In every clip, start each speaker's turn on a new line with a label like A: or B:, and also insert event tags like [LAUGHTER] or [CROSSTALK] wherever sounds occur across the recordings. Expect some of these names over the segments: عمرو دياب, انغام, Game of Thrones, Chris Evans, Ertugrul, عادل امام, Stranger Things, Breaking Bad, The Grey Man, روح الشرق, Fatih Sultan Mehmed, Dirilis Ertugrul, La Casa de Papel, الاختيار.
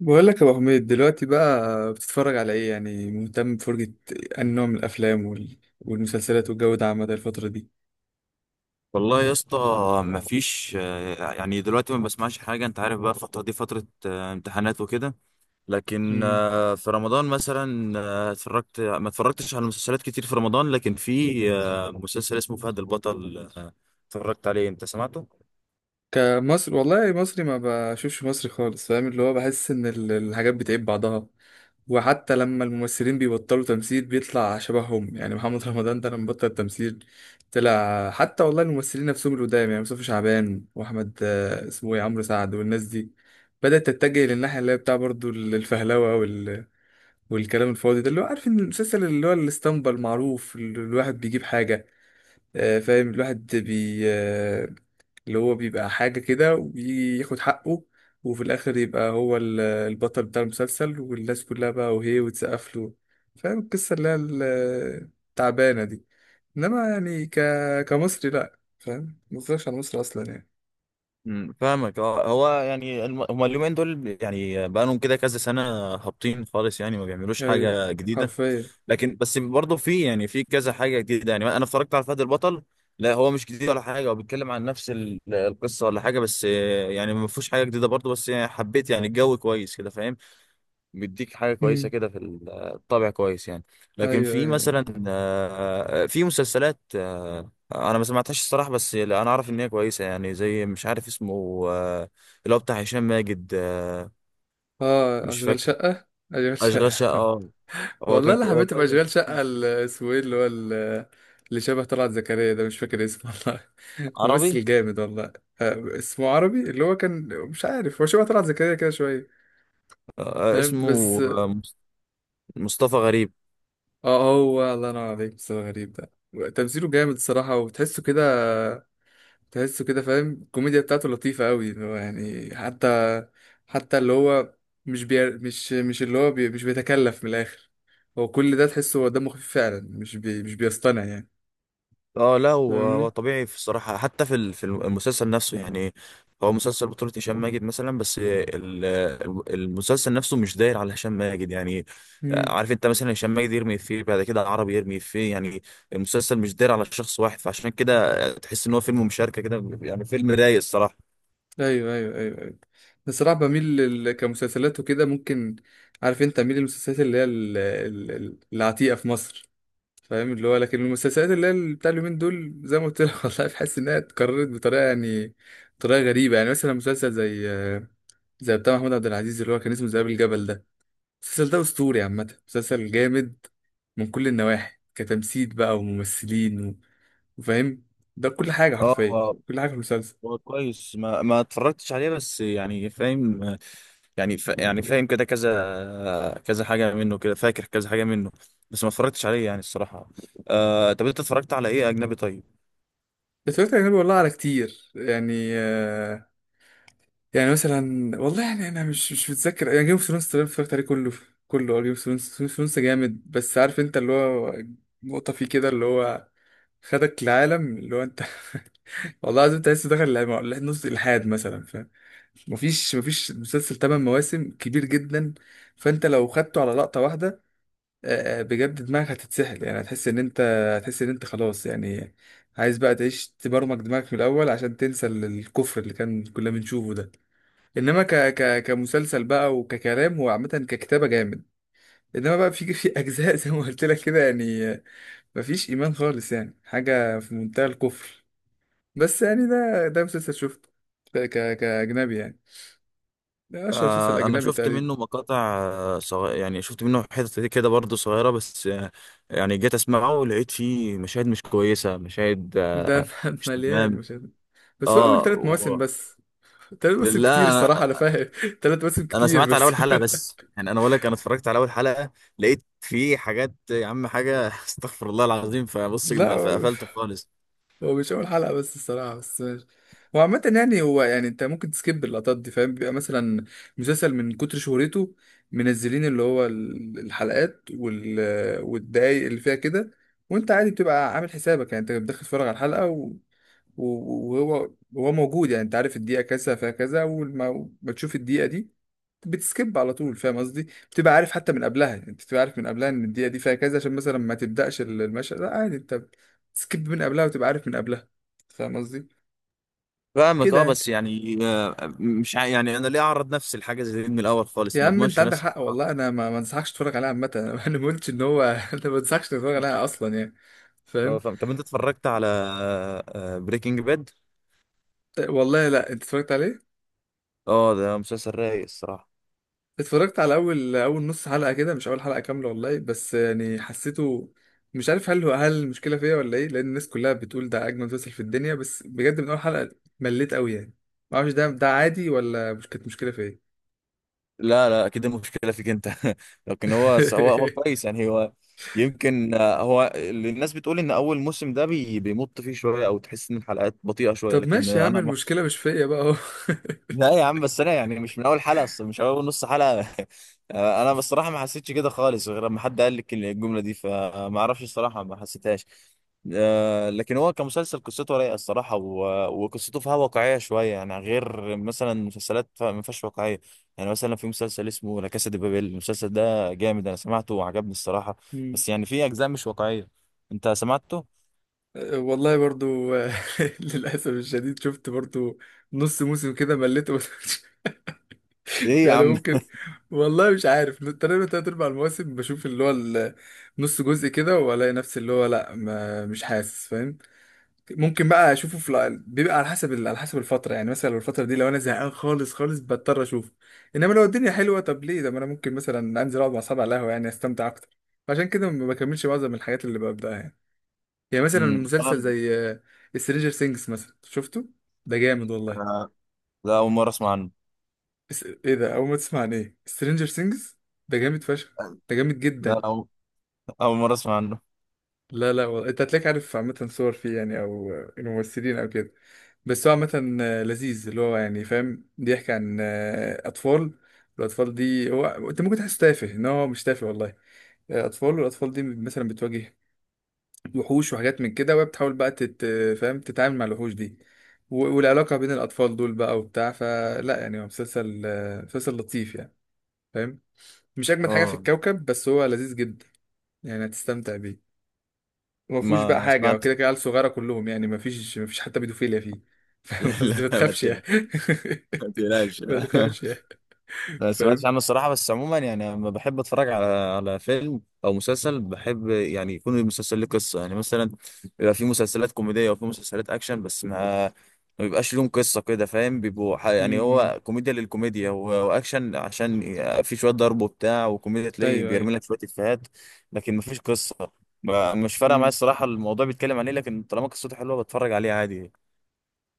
A: بقول لك يا ابو حميد دلوقتي بقى بتتفرج على ايه؟ يعني مهتم بفرجة انهي نوع من الافلام والمسلسلات والجو ده عامة الفترة دي.
B: والله يا اسطى، مفيش. يعني دلوقتي ما بسمعش حاجة. انت عارف بقى الفترة دي فترة امتحانات وكده. لكن
A: امم
B: في رمضان مثلا ما اتفرجتش على مسلسلات كتير في رمضان، لكن في مسلسل اسمه فهد البطل، اتفرجت عليه. انت سمعته؟
A: كمصر، والله مصري ما بشوفش مصري خالص. فاهم اللي هو بحس ان الحاجات بتعيب بعضها. وحتى لما الممثلين بيبطلوا تمثيل بيطلع شبههم، يعني محمد [LAUGHS] رمضان ده لما بطل تمثيل طلع. حتى والله الممثلين نفسهم القدام، يعني مصطفى شعبان واحمد اسمه ايه، عمرو سعد، والناس دي بدأت تتجه للناحية اللي هي بتاع برضو الفهلوة والكلام الفاضي ده، اللي هو عارف ان المسلسل اللي هو الاسطمبة المعروف، اللي الواحد بيجيب حاجة، فاهم، الواحد بي آه، اللي هو بيبقى حاجة كده وياخد حقه، وفي الآخر يبقى هو البطل بتاع المسلسل والناس كلها بقى وهي وتسقف له. فاهم القصة اللي هي التعبانة دي. إنما يعني كمصري لأ، فاهم، متفرجش على مصر أصلا يعني.
B: مم، فاهمك. اه، هو يعني هما اليومين دول، يعني بقالهم كده كذا سنة هابطين خالص، يعني ما بيعملوش
A: أيوة،
B: حاجة جديدة.
A: حرفيا.
B: لكن بس برضه في كذا حاجه جديده. يعني انا اتفرجت على فهد البطل. لا، هو مش جديد ولا حاجه، هو بيتكلم عن نفس القصه ولا حاجه، بس يعني ما فيهوش حاجه جديده برضه، بس يعني حبيت، يعني الجو كويس كده فاهم. بيديك حاجه كويسه
A: مم.
B: كده في الطابع كويس يعني. لكن
A: أيوة
B: في
A: أيوة.
B: مثلا في مسلسلات، انا ما سمعتهاش الصراحه، بس لا، انا اعرف ان هي كويسه، يعني زي مش عارف اسمه، اللي هو بتاع هشام ماجد.
A: آه،
B: مش
A: أشغال
B: فاكر.
A: شقة. أشغال
B: اشغال
A: شقة
B: شقه
A: [LAUGHS]
B: آه.
A: والله اللي
B: هو
A: حبيت ابقى
B: كويس، أنا
A: اشغال
B: شفته.
A: شقه اسمه ايه، اللي هو اللي شبه طلعت زكريا ده، مش فاكر اسمه والله. [LAUGHS]
B: عربي.
A: ممثل جامد والله. اسمه عربي، اللي هو كان، مش عارف، هو شبه طلعت زكريا كده شويه. فاهم، بس.
B: اسمه مصطفى غريب.
A: اه، هو الله ينور عليك. بس هو غريب ده تمثيله جامد الصراحه، وتحسه كده، تحسه كده، فاهم، الكوميديا بتاعته لطيفه قوي. اللي هو يعني حتى، حتى اللي هو مش بي... مش مش اللي هو بي... مش بيتكلف من الاخر. هو كل ده تحسه هو دمه خفيف فعلا، مش بيصطنع يعني.
B: اه، لا هو
A: فاهمني.
B: طبيعي في الصراحه، حتى في المسلسل نفسه يعني. هو مسلسل بطولة هشام ماجد مثلا، بس المسلسل نفسه مش داير على هشام ماجد يعني.
A: امم.
B: عارف انت مثلا هشام ماجد يرمي فيه بعد كده، عربي يرمي فيه يعني. المسلسل مش داير على شخص واحد، فعشان كده تحس ان هو فيلم مشاركة كده، يعني فيلم رايق الصراحة.
A: ايوه ايوه ايوه ايوه. بصراحه بميل كمسلسلات وكده ممكن. عارف انت، اميل للمسلسلات اللي هي العتيقه في مصر. فاهم، اللي هو، لكن المسلسلات اللي هي بتاع اليومين دول، زي ما قلت لك [LAUGHS] والله بحس انها اتكررت بطريقه يعني، بطريقه غريبه. يعني مثلا مسلسل زي، زي بتاع محمود عبد العزيز اللي هو كان اسمه ذئاب الجبل ده، المسلسل ده اسطوري عامه، مسلسل جامد من كل النواحي، كتمثيل بقى وممثلين وفاهم، ده كل حاجه حرفيا،
B: اه،
A: كل حاجه في المسلسل.
B: هو كويس، ما اتفرجتش عليه بس يعني فاهم. يعني فاهم كده كذا كذا حاجة منه، كده فاكر كذا حاجة منه، بس ما اتفرجتش عليه يعني الصراحة. طب انت اتفرجت على ايه اجنبي طيب؟
A: اتفرجت على أجنبي والله، على كتير يعني، يعني مثلا والله يعني أنا مش متذكر، يعني جيم اوف ثرونز تقريبا اتفرجت عليه كله، كله. جيم اوف ثرونز، جيم اوف ثرونز جامد، بس عارف أنت اللي هو نقطة فيه كده، اللي هو خدك العالم اللي هو أنت [LAUGHS] والله العظيم أنت لسه داخل نص الإلحاد مثلا، فاهم. مفيش مسلسل تمن مواسم كبير جدا، فأنت لو خدته على لقطة واحدة، بجد دماغك هتتسحل يعني. هتحس ان انت، هتحس ان انت خلاص يعني عايز بقى تعيش، تبرمج دماغك من الاول عشان تنسى الكفر اللي كنا بنشوفه ده. انما ك ك كمسلسل بقى وككلام، هو عامه ككتابه جامد. انما بقى في اجزاء [LAUGHS] زي ما قلت لك كده يعني، مفيش ايمان خالص يعني، حاجه في منتهى الكفر. بس يعني ده مسلسل شفته كاجنبي يعني، ده اشهر مسلسل
B: انا
A: اجنبي
B: شفت
A: تقريبا.
B: منه مقاطع. يعني شفت منه حتت كده برضه صغيرة، بس يعني جيت اسمعه لقيت فيه مشاهد مش كويسة، مشاهد
A: ده [LAUGHS]
B: مش
A: مليان،
B: تمام.
A: مش عارف. بس هو اول
B: اه،
A: ثلاث مواسم بس. تلات مواسم كتير
B: لا،
A: الصراحة، أنا فاهم [LAUGHS] تلات مواسم
B: انا
A: كتير
B: سمعت على
A: بس
B: اول حلقه،
A: [LAUGHS]
B: بس يعني انا بقول لك انا اتفرجت على اول حلقه، لقيت في حاجات يا عم، حاجه [LAUGHS] استغفر الله العظيم، فبص
A: لا،
B: ما
A: هو
B: فقفلت خالص.
A: هو مش أول حلقة بس الصراحة، بس ماشي. هو عامة يعني، هو يعني أنت ممكن تسكيب اللقطات دي، فاهم، بيبقى مثلا مسلسل من كتر شهرته منزلين اللي هو الحلقات والدقايق اللي فيها كده. وأنت عادي بتبقى عامل حسابك يعني، أنت بتدخل تتفرج على الحلقة وهو، هو موجود، يعني انت عارف الدقيقة كذا فيها كذا، اول ما بتشوف الدقيقة دي بتسكيب على طول، فاهم قصدي، بتبقى عارف حتى من قبلها، انت بتبقى عارف من قبلها ان الدقيقة دي فيها كذا، عشان مثلا ما تبدأش المشهد. لا عادي انت بتسكيب من قبلها، وتبقى عارف من قبلها، فاهم قصدي،
B: فاهمك. اه،
A: كده يعني.
B: بس يعني مش يعني انا ليه اعرض نفسي لحاجه زي دي من الاول خالص،
A: يا
B: ما
A: عم انت
B: اضمنش
A: عندك
B: نفسي.
A: حق والله، انا ما انصحكش تتفرج عليها عامة [LAUGHS] انا ما قلتش ان هو [LAUGHS] انا ما انصحكش تتفرج عليها اصلا يعني،
B: اه،
A: فاهم.
B: فاهم. طب انت اتفرجت على بريكنج باد؟ اه،
A: والله لا، انت اتفرجت عليه؟
B: Breaking Bad؟ ده مسلسل رايق الصراحه.
A: اتفرجت على اول نص حلقه كده، مش اول حلقه كامله والله، بس يعني حسيته، مش عارف هل هو، هل المشكله فيا ولا ايه، لان الناس كلها بتقول ده اجمل مسلسل في الدنيا، بس بجد من اول حلقه مليت قوي يعني. ما اعرفش ده، عادي ولا مش كانت مشكله فيا.
B: لا، لا، كده مشكلة فيك انت [LAUGHS] لكن هو
A: [LAUGHS]
B: كويس يعني هو. يمكن هو اللي الناس بتقول ان اول موسم ده بيمط فيه شوية، او تحس ان الحلقات بطيئة شوية،
A: طب
B: لكن
A: ماشي يا عم،
B: انا
A: المشكله مش فيا بقى اهو.
B: لا يا عم، بس انا يعني مش من اول حلقه اصلا، مش اول نص حلقه [LAUGHS] انا بصراحه ما حسيتش كده خالص، غير لما حد قال لك الجمله دي، فما اعرفش الصراحه، ما حسيتهاش. لكن هو كمسلسل قصته رايقه الصراحه، وقصته فيها واقعيه شويه، يعني غير مثلا مسلسلات ما فيهاش واقعيه. يعني مثلا في مسلسل اسمه لا كاسا دي بابيل، المسلسل ده جامد، انا سمعته وعجبني الصراحه.
A: مم.
B: بس يعني في اجزاء مش واقعيه. انت سمعته؟
A: أه، والله برضو [LAUGHS] للاسف الشديد شفت برضو نص موسم كده مليت [LAUGHS]
B: ايه يا
A: يعني
B: عم.
A: ممكن، والله مش عارف، تقريبا تلات أرباع المواسم بشوف اللي هو نص جزء كده وألاقي نفسي اللي هو لأ، ما مش حاسس، فاهم. ممكن بقى أشوفه في بيبقى على حسب على حسب الفترة يعني، مثلا لو الفترة دي، لو أنا زهقان خالص بضطر أشوفه. إنما لو الدنيا حلوة، طب ليه ده، ما أنا ممكن مثلا أنزل أقعد مع أصحابي على القهوة، يعني أستمتع أكتر. عشان كده ما بكملش معظم الحاجات اللي ببدأها يعني. يعني مثلا
B: امم
A: مسلسل زي سترينجر سينجز مثلا، شفته؟ ده جامد والله.
B: [LAUGHS] لا، اول مره اسمع عنه.
A: ايه ده، اول ما تسمع عن ايه؟ سترينجر سينجز ده جامد فشخ، ده جامد
B: لا،
A: جدا.
B: أول مرة أسمع عنه.
A: لا لا والله، انت هتلاقيك عارف عامة صور فيه يعني، او الممثلين او كده. بس هو عامة لذيذ، اللي هو يعني فاهم بيحكي عن اطفال. الاطفال دي هو انت ممكن تحس تافه، ان هو مش تافه والله. اطفال، والاطفال دي مثلا بتواجه وحوش وحاجات من كده، وهي بتحاول بقى فاهم، تتعامل مع الوحوش دي، والعلاقة بين الاطفال دول بقى وبتاع فلا، يعني هو مسلسل مسلسل لطيف يعني، فاهم. مش اجمد حاجه في
B: اه،
A: الكوكب، بس هو لذيذ جدا، يعني هتستمتع بيه. وما فيهوش بقى
B: ما
A: حاجه،
B: سمعت.
A: وكده كده عيال صغيره كلهم يعني، ما فيش حتى بيدوفيليا فيه. [LAUGHS] فاهم
B: [LAUGHS]
A: قصدي،
B: لا،
A: ما تخافش يعني.
B: ما تقلقش [LAUGHS]
A: [LAUGHS] ما
B: لا.
A: تخافش يعني،
B: ما سمعتش
A: فاهم.
B: عنه الصراحة، بس عموما يعني لما بحب اتفرج على فيلم او مسلسل، بحب يعني يكون المسلسل ليه قصة. يعني مثلا بيبقى في مسلسلات كوميدية وفي مسلسلات اكشن، بس ما بيبقاش لهم قصة كده فاهم. بيبقوا يعني
A: امم. امم.
B: هو كوميديا للكوميديا، واكشن عشان في شوية ضرب وبتاع، وكوميديا تلاقي
A: ايوه
B: بيرمي
A: ايوه.
B: لك شوية افيهات، لكن ما فيش قصة. مش فارقة معايا
A: امم.
B: الصراحة، الموضوع بيتكلم عليه، لكن طالما قصته حلوة بتفرج عليه عادي.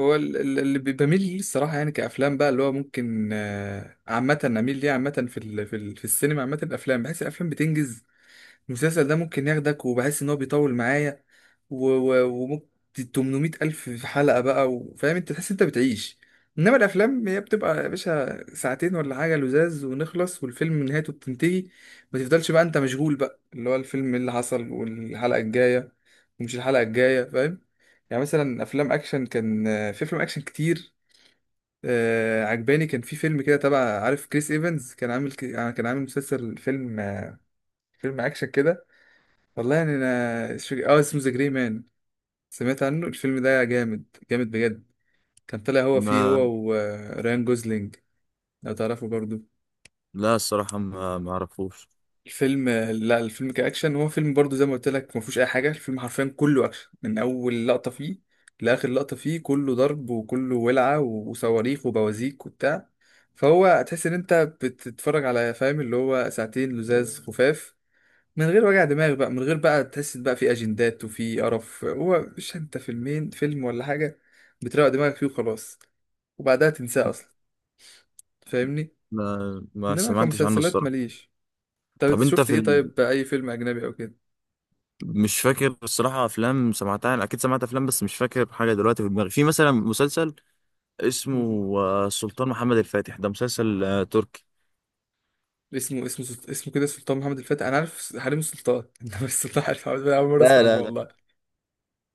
A: هو اللي بميل ليه الصراحه يعني، كافلام بقى، اللي هو ممكن عامه اميل ليه عامه، في في السينما عامه الافلام، بحس الافلام بتنجز. المسلسل ده ممكن ياخدك، وبحس ان هو بيطول معايا وممكن 800 الف في حلقة بقى، وفاهم انت تحس انت بتعيش. انما الافلام هي بتبقى يا باشا ساعتين ولا حاجة لزاز ونخلص، والفيلم نهايته بتنتهي، ما تفضلش بقى انت مشغول بقى اللي هو الفيلم اللي حصل والحلقة الجاية، ومش الحلقة الجاية، فاهم. يعني مثلا افلام اكشن كان، في افلام اكشن كتير عجباني. كان في فيلم كده تبع، عارف كريس ايفنز، كان عامل كان عامل مسلسل، فيلم، فيلم اكشن كده. والله يعني انا مش فاكر، اه اسمه ذا جري مان. سمعت عنه؟ الفيلم ده جامد، جامد بجد. كان طالع هو فيه، هو
B: ما
A: وريان جوزلينج، لو تعرفه برضو.
B: لا الصراحة ما اعرفوش.
A: الفيلم، لا الفيلم كأكشن هو فيلم برضو زي ما قلت لك، ما فيهوش اي حاجه، الفيلم حرفيا كله اكشن، من اول لقطه فيه لاخر لقطه فيه، كله ضرب وكله ولعه وصواريخ وبوازيك وبتاع. فهو تحس ان انت بتتفرج على، فاهم، اللي هو ساعتين لزاز خفاف، من غير وجع دماغ بقى، من غير بقى تحس بقى في اجندات وفي قرف، هو مش انت فيلمين، فيلم ولا حاجه بتروق دماغك فيه وخلاص، وبعدها تنساه اصلا، فاهمني.
B: ما
A: انما
B: سمعتش عنه
A: كمسلسلات
B: الصراحة.
A: ماليش. طب
B: طب انت
A: شفت ايه؟ طيب اي فيلم اجنبي او كده.
B: مش فاكر الصراحة افلام سمعتها، يعني اكيد سمعت افلام بس مش فاكر حاجة دلوقتي في دماغي. في مثلا مسلسل اسمه
A: مم.
B: السلطان محمد الفاتح، ده مسلسل تركي.
A: اسمه، اسمه اسمه كده سلطان محمد الفاتح. انا عارف، حريم السلطان [LAUGHS] انما السلطان، عارف محمد الفاتح، اول مره اسمع
B: لا، لا،
A: عنه
B: لا،
A: والله.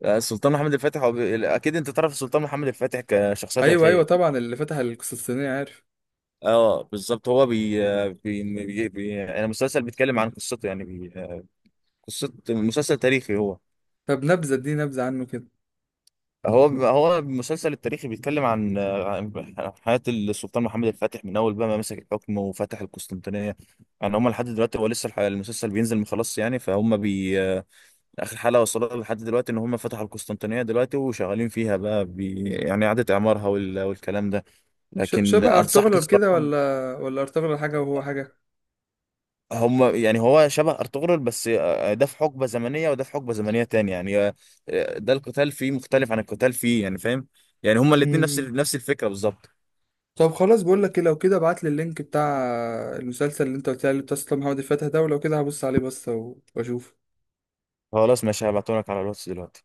B: السلطان محمد الفاتح اكيد انت تعرف السلطان محمد الفاتح كشخصية
A: ايوه ايوه
B: تاريخية.
A: طبعا، اللي فتح القسطنطينيه، عارف.
B: اه، بالظبط، هو بي... آه، بي... بي... بي... انا مسلسل بيتكلم عن قصته، يعني بي... آه، قصة مسلسل تاريخي هو.
A: طب نبذه دي، نبذه عنه كده.
B: المسلسل التاريخي بيتكلم عن حياة السلطان محمد الفاتح، من أول بقى ما مسك الحكم وفتح القسطنطينية. يعني هم لحد دلوقتي هو لسه المسلسل بينزل مخلص يعني، فهم آخر حلقة وصلوا لحد دلوقتي إن هم فتحوا القسطنطينية دلوقتي، وشغالين فيها بقى يعني إعادة إعمارها والكلام ده، لكن
A: شبه
B: أنصحك
A: ارطغرل كده؟
B: الصراحة.
A: ولا ارطغرل حاجه وهو حاجه؟
B: هم يعني هو شبه أرطغرل، بس ده في حقبة زمنية وده في حقبة زمنية تانية يعني. ده القتال فيه مختلف عن القتال فيه، يعني فاهم، يعني هما الاتنين نفس الفكرة بالظبط.
A: طب خلاص، بقول لك ايه، لو كده ابعت لي اللينك بتاع المسلسل اللي انت قلت لي عليه، بتاع أصلا محمد الفاتح ده، ولو كده هبص عليه بس، واشوف.
B: خلاص ماشي، هبعتهم لك على الواتس دلوقتي.